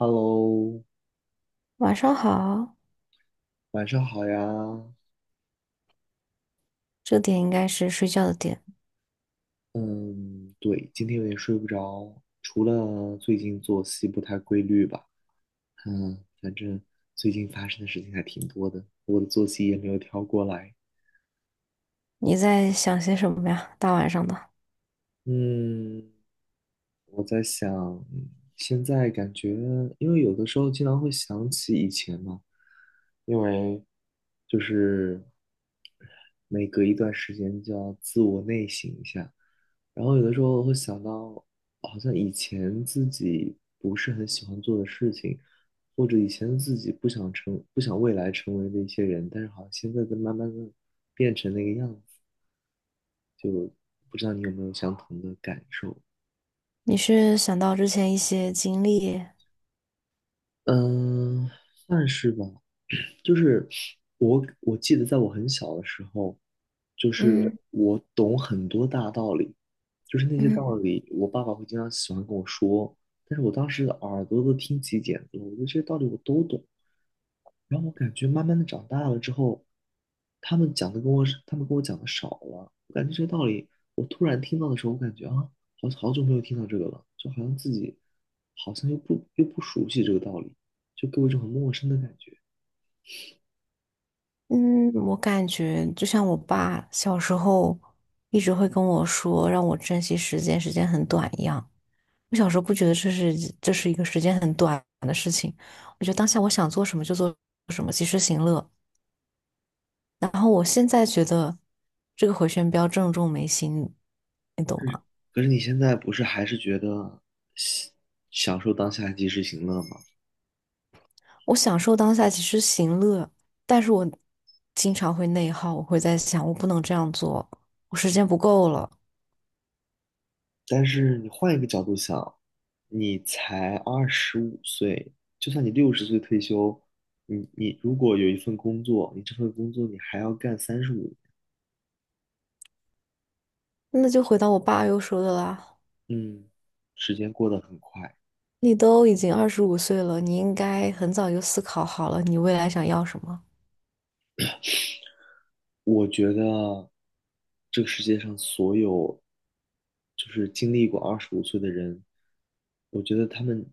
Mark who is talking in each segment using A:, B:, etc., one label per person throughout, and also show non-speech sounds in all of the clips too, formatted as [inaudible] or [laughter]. A: Hello，
B: 晚上好，
A: 晚上好呀。
B: 这点应该是睡觉的点。
A: 嗯，对，今天有点睡不着，除了最近作息不太规律吧，反正最近发生的事情还挺多的，我的作息也没有调过来。
B: 你在想些什么呀？大晚上的，
A: 嗯，我在想，嗯现在感觉，因为有的时候经常会想起以前嘛，因为就是每隔一段时间就要自我内省一下，然后有的时候会想到，好像以前自己不是很喜欢做的事情，或者以前自己不想成，不想未来成为的一些人，但是好像现在在慢慢的变成那个样子，不知道你有没有相同的感受？
B: 你是想到之前一些经历？
A: 嗯，算是吧。就是我记得在我很小的时候，就
B: 嗯
A: 是我懂很多大道理，就是那些道
B: 嗯
A: 理，我爸爸会经常喜欢跟我说，但是我当时耳朵都听起茧子了，我觉得这些道理我都懂。然后我感觉慢慢的长大了之后，他们跟我讲的少了，我感觉这些道理我突然听到的时候，我感觉啊，好好久没有听到这个了，就好像自己好像又不熟悉这个道理，就给我一种很陌生的感觉。
B: 嗯，我感觉就像我爸小时候一直会跟我说，让我珍惜时间，时间很短一样。我小时候不觉得这是一个时间很短的事情，我觉得当下我想做什么就做什么，及时行乐。然后我现在觉得这个回旋镖正中眉心，你懂
A: 是，
B: 吗？
A: 可是你现在不是还是觉得喜享受当下及时行乐吗？
B: 我享受当下其实行乐，但是我经常会内耗，我会在想，我不能这样做，我时间不够了。
A: 但是你换一个角度想，你才二十五岁，就算你60岁退休，你如果有一份工作，你这份工作你还要干35，
B: 那就回到我爸又说的啦，
A: 嗯，时间过得很快。
B: 你都已经25岁了，你应该很早就思考好了，你未来想要什么。
A: 我觉得这个世界上所有就是经历过二十五岁的人，我觉得他们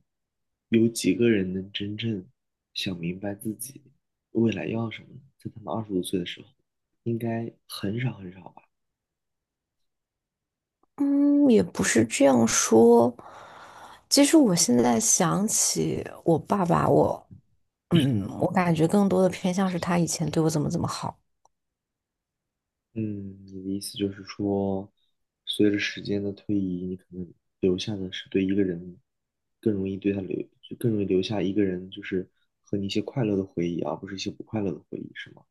A: 有几个人能真正想明白自己未来要什么呢在他们二十五岁的时候，应该很少很少吧。
B: 嗯，也不是这样说。其实我现在想起我爸爸，我感觉更多的偏向是他以前对我怎么怎么好。
A: 嗯，你的意思就是说，随着时间的推移，你可能留下的是对一个人更容易对他留，就更容易留下一个人，就是和你一些快乐的回忆，而不是一些不快乐的回忆，是吗？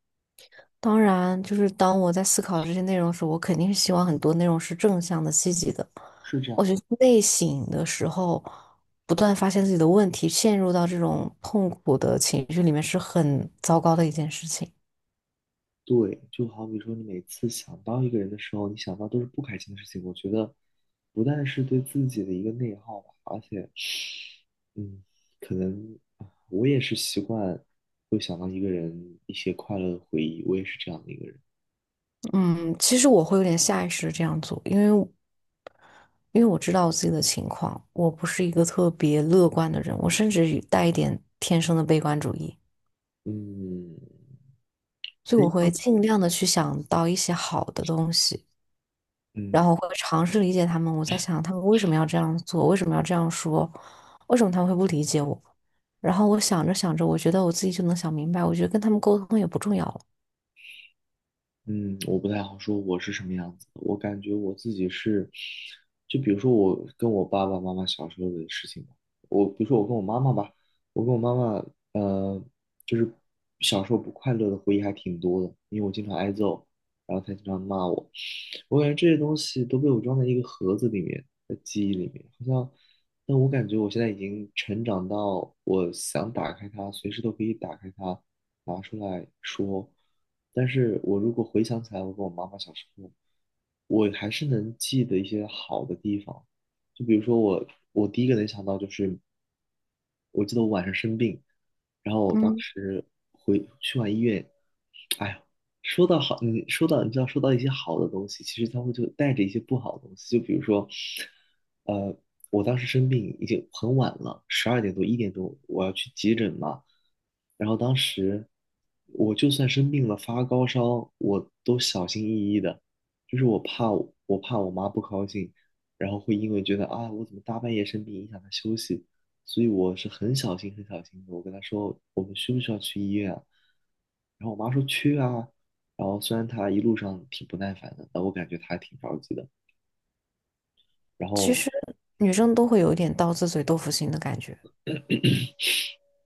B: 当然，就是当我在思考这些内容时，我肯定是希望很多内容是正向的、积极的。
A: 是这
B: 我
A: 样，
B: 觉得内省的时候，不断发现自己的问题，陷入到这种痛苦的情绪里面，是很糟糕的一件事情。
A: 对，就好比说，你每次想到一个人的时候，你想到都是不开心的事情。我觉得，不但是对自己的一个内耗吧，而且，嗯，可能啊我也是习惯会想到一个人一些快乐的回忆，我也是这样的一个人。
B: 嗯，其实我会有点下意识地这样做，因为我知道我自己的情况，我不是一个特别乐观的人，我甚至带一点天生的悲观主义，
A: 嗯，
B: 所以我
A: 哎，
B: 会尽量的去想到一些好的东西。然
A: 嗯，
B: 后会尝试理解他们。我在想，他们为什么要这样做？为什么要这样说？为什么他们会不理解我？然后我想着想着，我觉得我自己就能想明白，我觉得跟他们沟通也不重要了。
A: 嗯，我不太好说我是什么样子的。我感觉我自己是，就比如说我跟我爸爸妈妈小时候的事情吧。我比如说我跟我妈妈吧，我跟我妈妈，呃，就是小时候不快乐的回忆还挺多的，因为我经常挨揍，然后她经常骂我。我感觉这些东西都被我装在一个盒子里面，的记忆里面，好像。但我感觉我现在已经成长到我想打开它，随时都可以打开它。拿出来说。但是我如果回想起来，我跟我妈妈小时候，我还是能记得一些好的地方。就比如说我，我第一个能想到就是，我记得我晚上生病，然后我当
B: 嗯，
A: 时回去完医院，哎呀，说到好，你说到你知道说到一些好的东西，其实它会就带着一些不好的东西，就比如说，呃，我当时生病已经很晚了，12点多1点多，我要去急诊嘛。然后当时我就算生病了发高烧，我都小心翼翼的，就是我怕我妈不高兴，然后会因为觉得啊我怎么大半夜生病影响她休息，所以我是很小心很小心的。我跟她说我们需不需要去医院啊？然后我妈说去啊。然后虽然她一路上挺不耐烦的，但我感觉她还挺着急的。然
B: 其
A: 后
B: 实女生都会有一点刀子嘴豆腐心的感觉。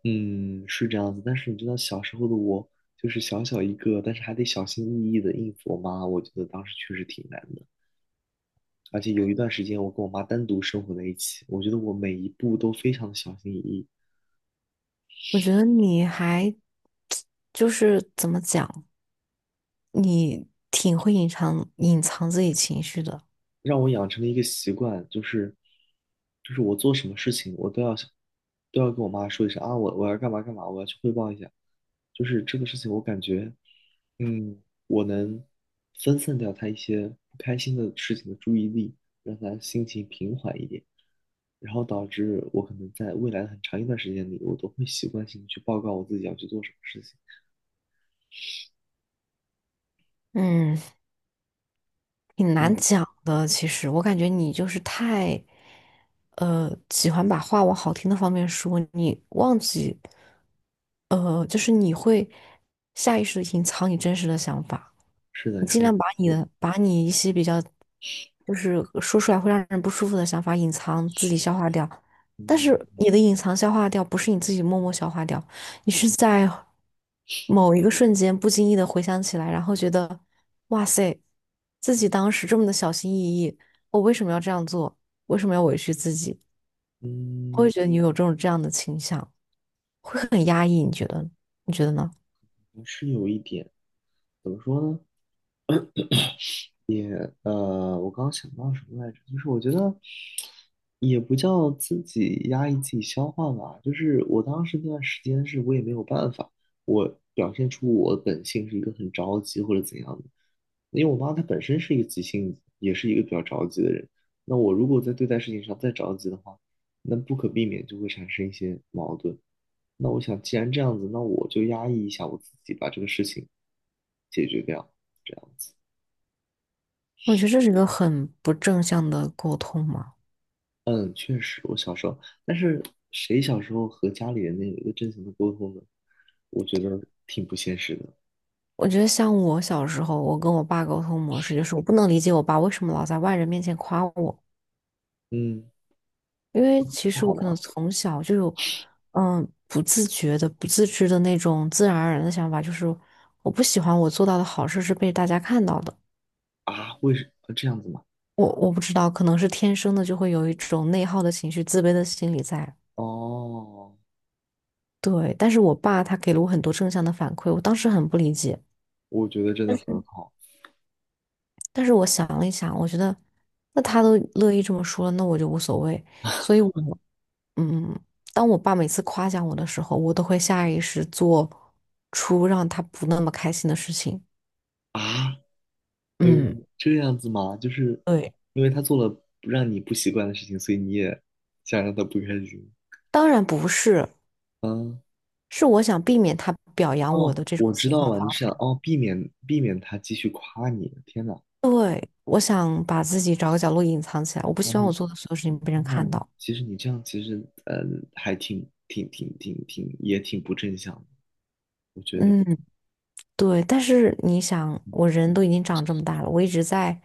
A: 嗯，是这样子，但是你知道小时候的我，就是小小一个，但是还得小心翼翼的应付我妈，我觉得当时确实挺难的。而且有一段时间，我跟我妈单独生活在一起，我觉得我每一步都非常的小心翼翼，
B: 我觉得你还 [tsk] 就是怎么讲，你挺会隐藏自己情绪的。
A: 让我养成了一个习惯，就是我做什么事情，我都要想都要跟我妈说一声啊，我要干嘛干嘛，我要去汇报一下。就是这个事情，我感觉，嗯，我能分散掉她一些不开心的事情的注意力，让她心情平缓一点，然后导致我可能在未来很长一段时间里，我都会习惯性地去报告我自己要去做什么事情。
B: 嗯。挺难
A: 对，
B: 讲的，其实我感觉你就是太，喜欢把话往好听的方面说，你忘记，就是你会下意识的隐藏你真实的想法，
A: 是的，
B: 你
A: 你
B: 尽
A: 说的没
B: 量把你
A: 错，
B: 的把你一些比较，就是说出来会让人不舒服的想法隐藏自己消化掉，但
A: 嗯，
B: 是你的隐藏消化掉不是你自己默默消化掉，你是在某一个瞬间不经意的回想起来，然后觉得，哇塞，自己当时这么的小心翼翼，我为什么要这样做？为什么要委屈自己？我
A: 嗯，
B: 会觉得你有这种这样的倾向，会很压抑，你觉得？你觉得呢？
A: 是有一点，怎么说呢？我刚刚想到什么来着？就是我觉得也不叫自己压抑自己消化吧，就是我当时那段时间是我也没有办法，我表现出我本性是一个很着急或者怎样的，因为我妈她本身是一个急性子，也是一个比较着急的人。那我如果在对待事情上再着急的话，那不可避免就会产生一些矛盾。那我想，既然这样子，那我就压抑一下我自己，把这个事情解决掉，这样子。
B: 我觉得这是一个很不正向的沟通嘛。
A: 嗯，确实，我小时候，但是谁小时候和家里人能有一个正常的沟通呢？我觉得挺不现实的。
B: 我觉得像我小时候，我跟我爸沟通模式就是，我不能理解我爸为什么老在外人面前夸我。
A: 嗯，
B: 因为其
A: 不
B: 实
A: 好
B: 我可能
A: 玩
B: 从小就有，嗯，不自觉的、不自知的那种自然而然的想法，就是我不喜欢我做到的好事是被大家看到的。
A: 啊？为什么这样子吗？
B: 我不知道，可能是天生的就会有一种内耗的情绪、自卑的心理在。
A: 哦，
B: 对，但是我爸他给了我很多正向的反馈，我当时很不理解。
A: 我觉得真的很好
B: 但是我想了一想，我觉得那他都乐意这么说了，那我就无所谓。所以我，嗯，当我爸每次夸奖我的时候，我都会下意识做出让他不那么开心的事情。
A: 啊。
B: 嗯，
A: 嗯，这样子吗？就是因为他做了不让你不习惯的事情，所以你也想让他不开心。
B: 当然不是，
A: 嗯，
B: 是我想避免他表扬我
A: 哦，
B: 的这种
A: 我知
B: 情
A: 道
B: 况
A: 了，
B: 发
A: 你是想
B: 生。
A: 避免他继续夸你。天哪，
B: 对，我想把自己找个角落隐藏起来，我不
A: 哇，
B: 希望
A: 那
B: 我做的所有事情被人
A: 那
B: 看
A: 你
B: 到。
A: 其实你这样其实呃还挺不正向的，我觉得，
B: 嗯，对，但是你想，我人都已经长这么大了，我一直在，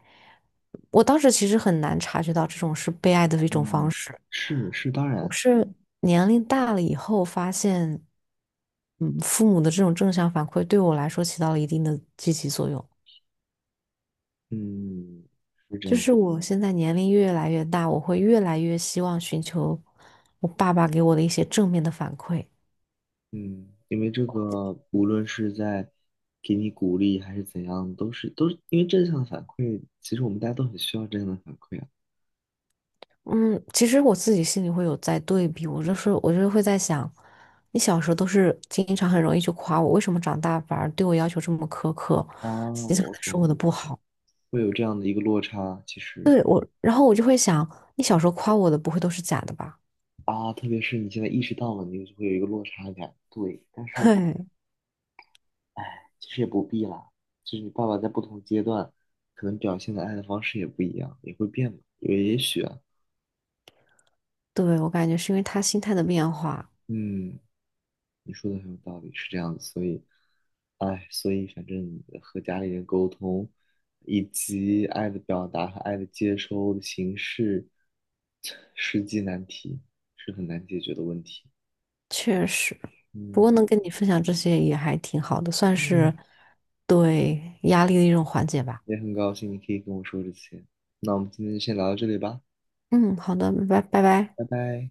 B: 我当时其实很难察觉到这种是被爱的一种方
A: 嗯，
B: 式。
A: 是是，当
B: 我
A: 然，
B: 是年龄大了以后发现，父母的这种正向反馈对我来说起到了一定的积极作用。
A: 嗯，是这
B: 就
A: 样，
B: 是我现在年龄越来越大，我会越来越希望寻求我爸爸给我的一些正面的反馈。
A: 嗯，因为这个无论是在给你鼓励还是怎样，都是因为正向的反馈，其实我们大家都很需要正向的反馈啊。
B: 嗯，其实我自己心里会有在对比，我就是会在想，你小时候都是经常很容易就夸我，为什么长大反而对我要求这么苛刻，
A: 啊，
B: 经常
A: 我
B: 在说我
A: 懂，
B: 的不好？
A: 会有这样的一个落差，其实
B: 对我，然后我就会想，你小时候夸我的不会都是假的吧？
A: 啊，特别是你现在意识到了，你就会有一个落差感，对，但
B: [laughs]
A: 是。
B: 嘿，
A: 其实也不必啦，就是爸爸在不同阶段，可能表现的爱的方式也不一样，也会变嘛。也许啊，
B: 对，我感觉是因为他心态的变化，
A: 嗯，你说的很有道理，是这样子。所以，哎，所以反正和家里人沟通，以及爱的表达和爱的接收的形式，实际难题是很难解决的问题。
B: 确实。不
A: 嗯，
B: 过能跟你分享这些也还挺好的，算
A: 嗯，
B: 是对压力的一种缓解吧。
A: 也很高兴你可以跟我说这些。那我们今天就先聊到这里吧，
B: 嗯，好的，拜拜拜拜。
A: 拜拜。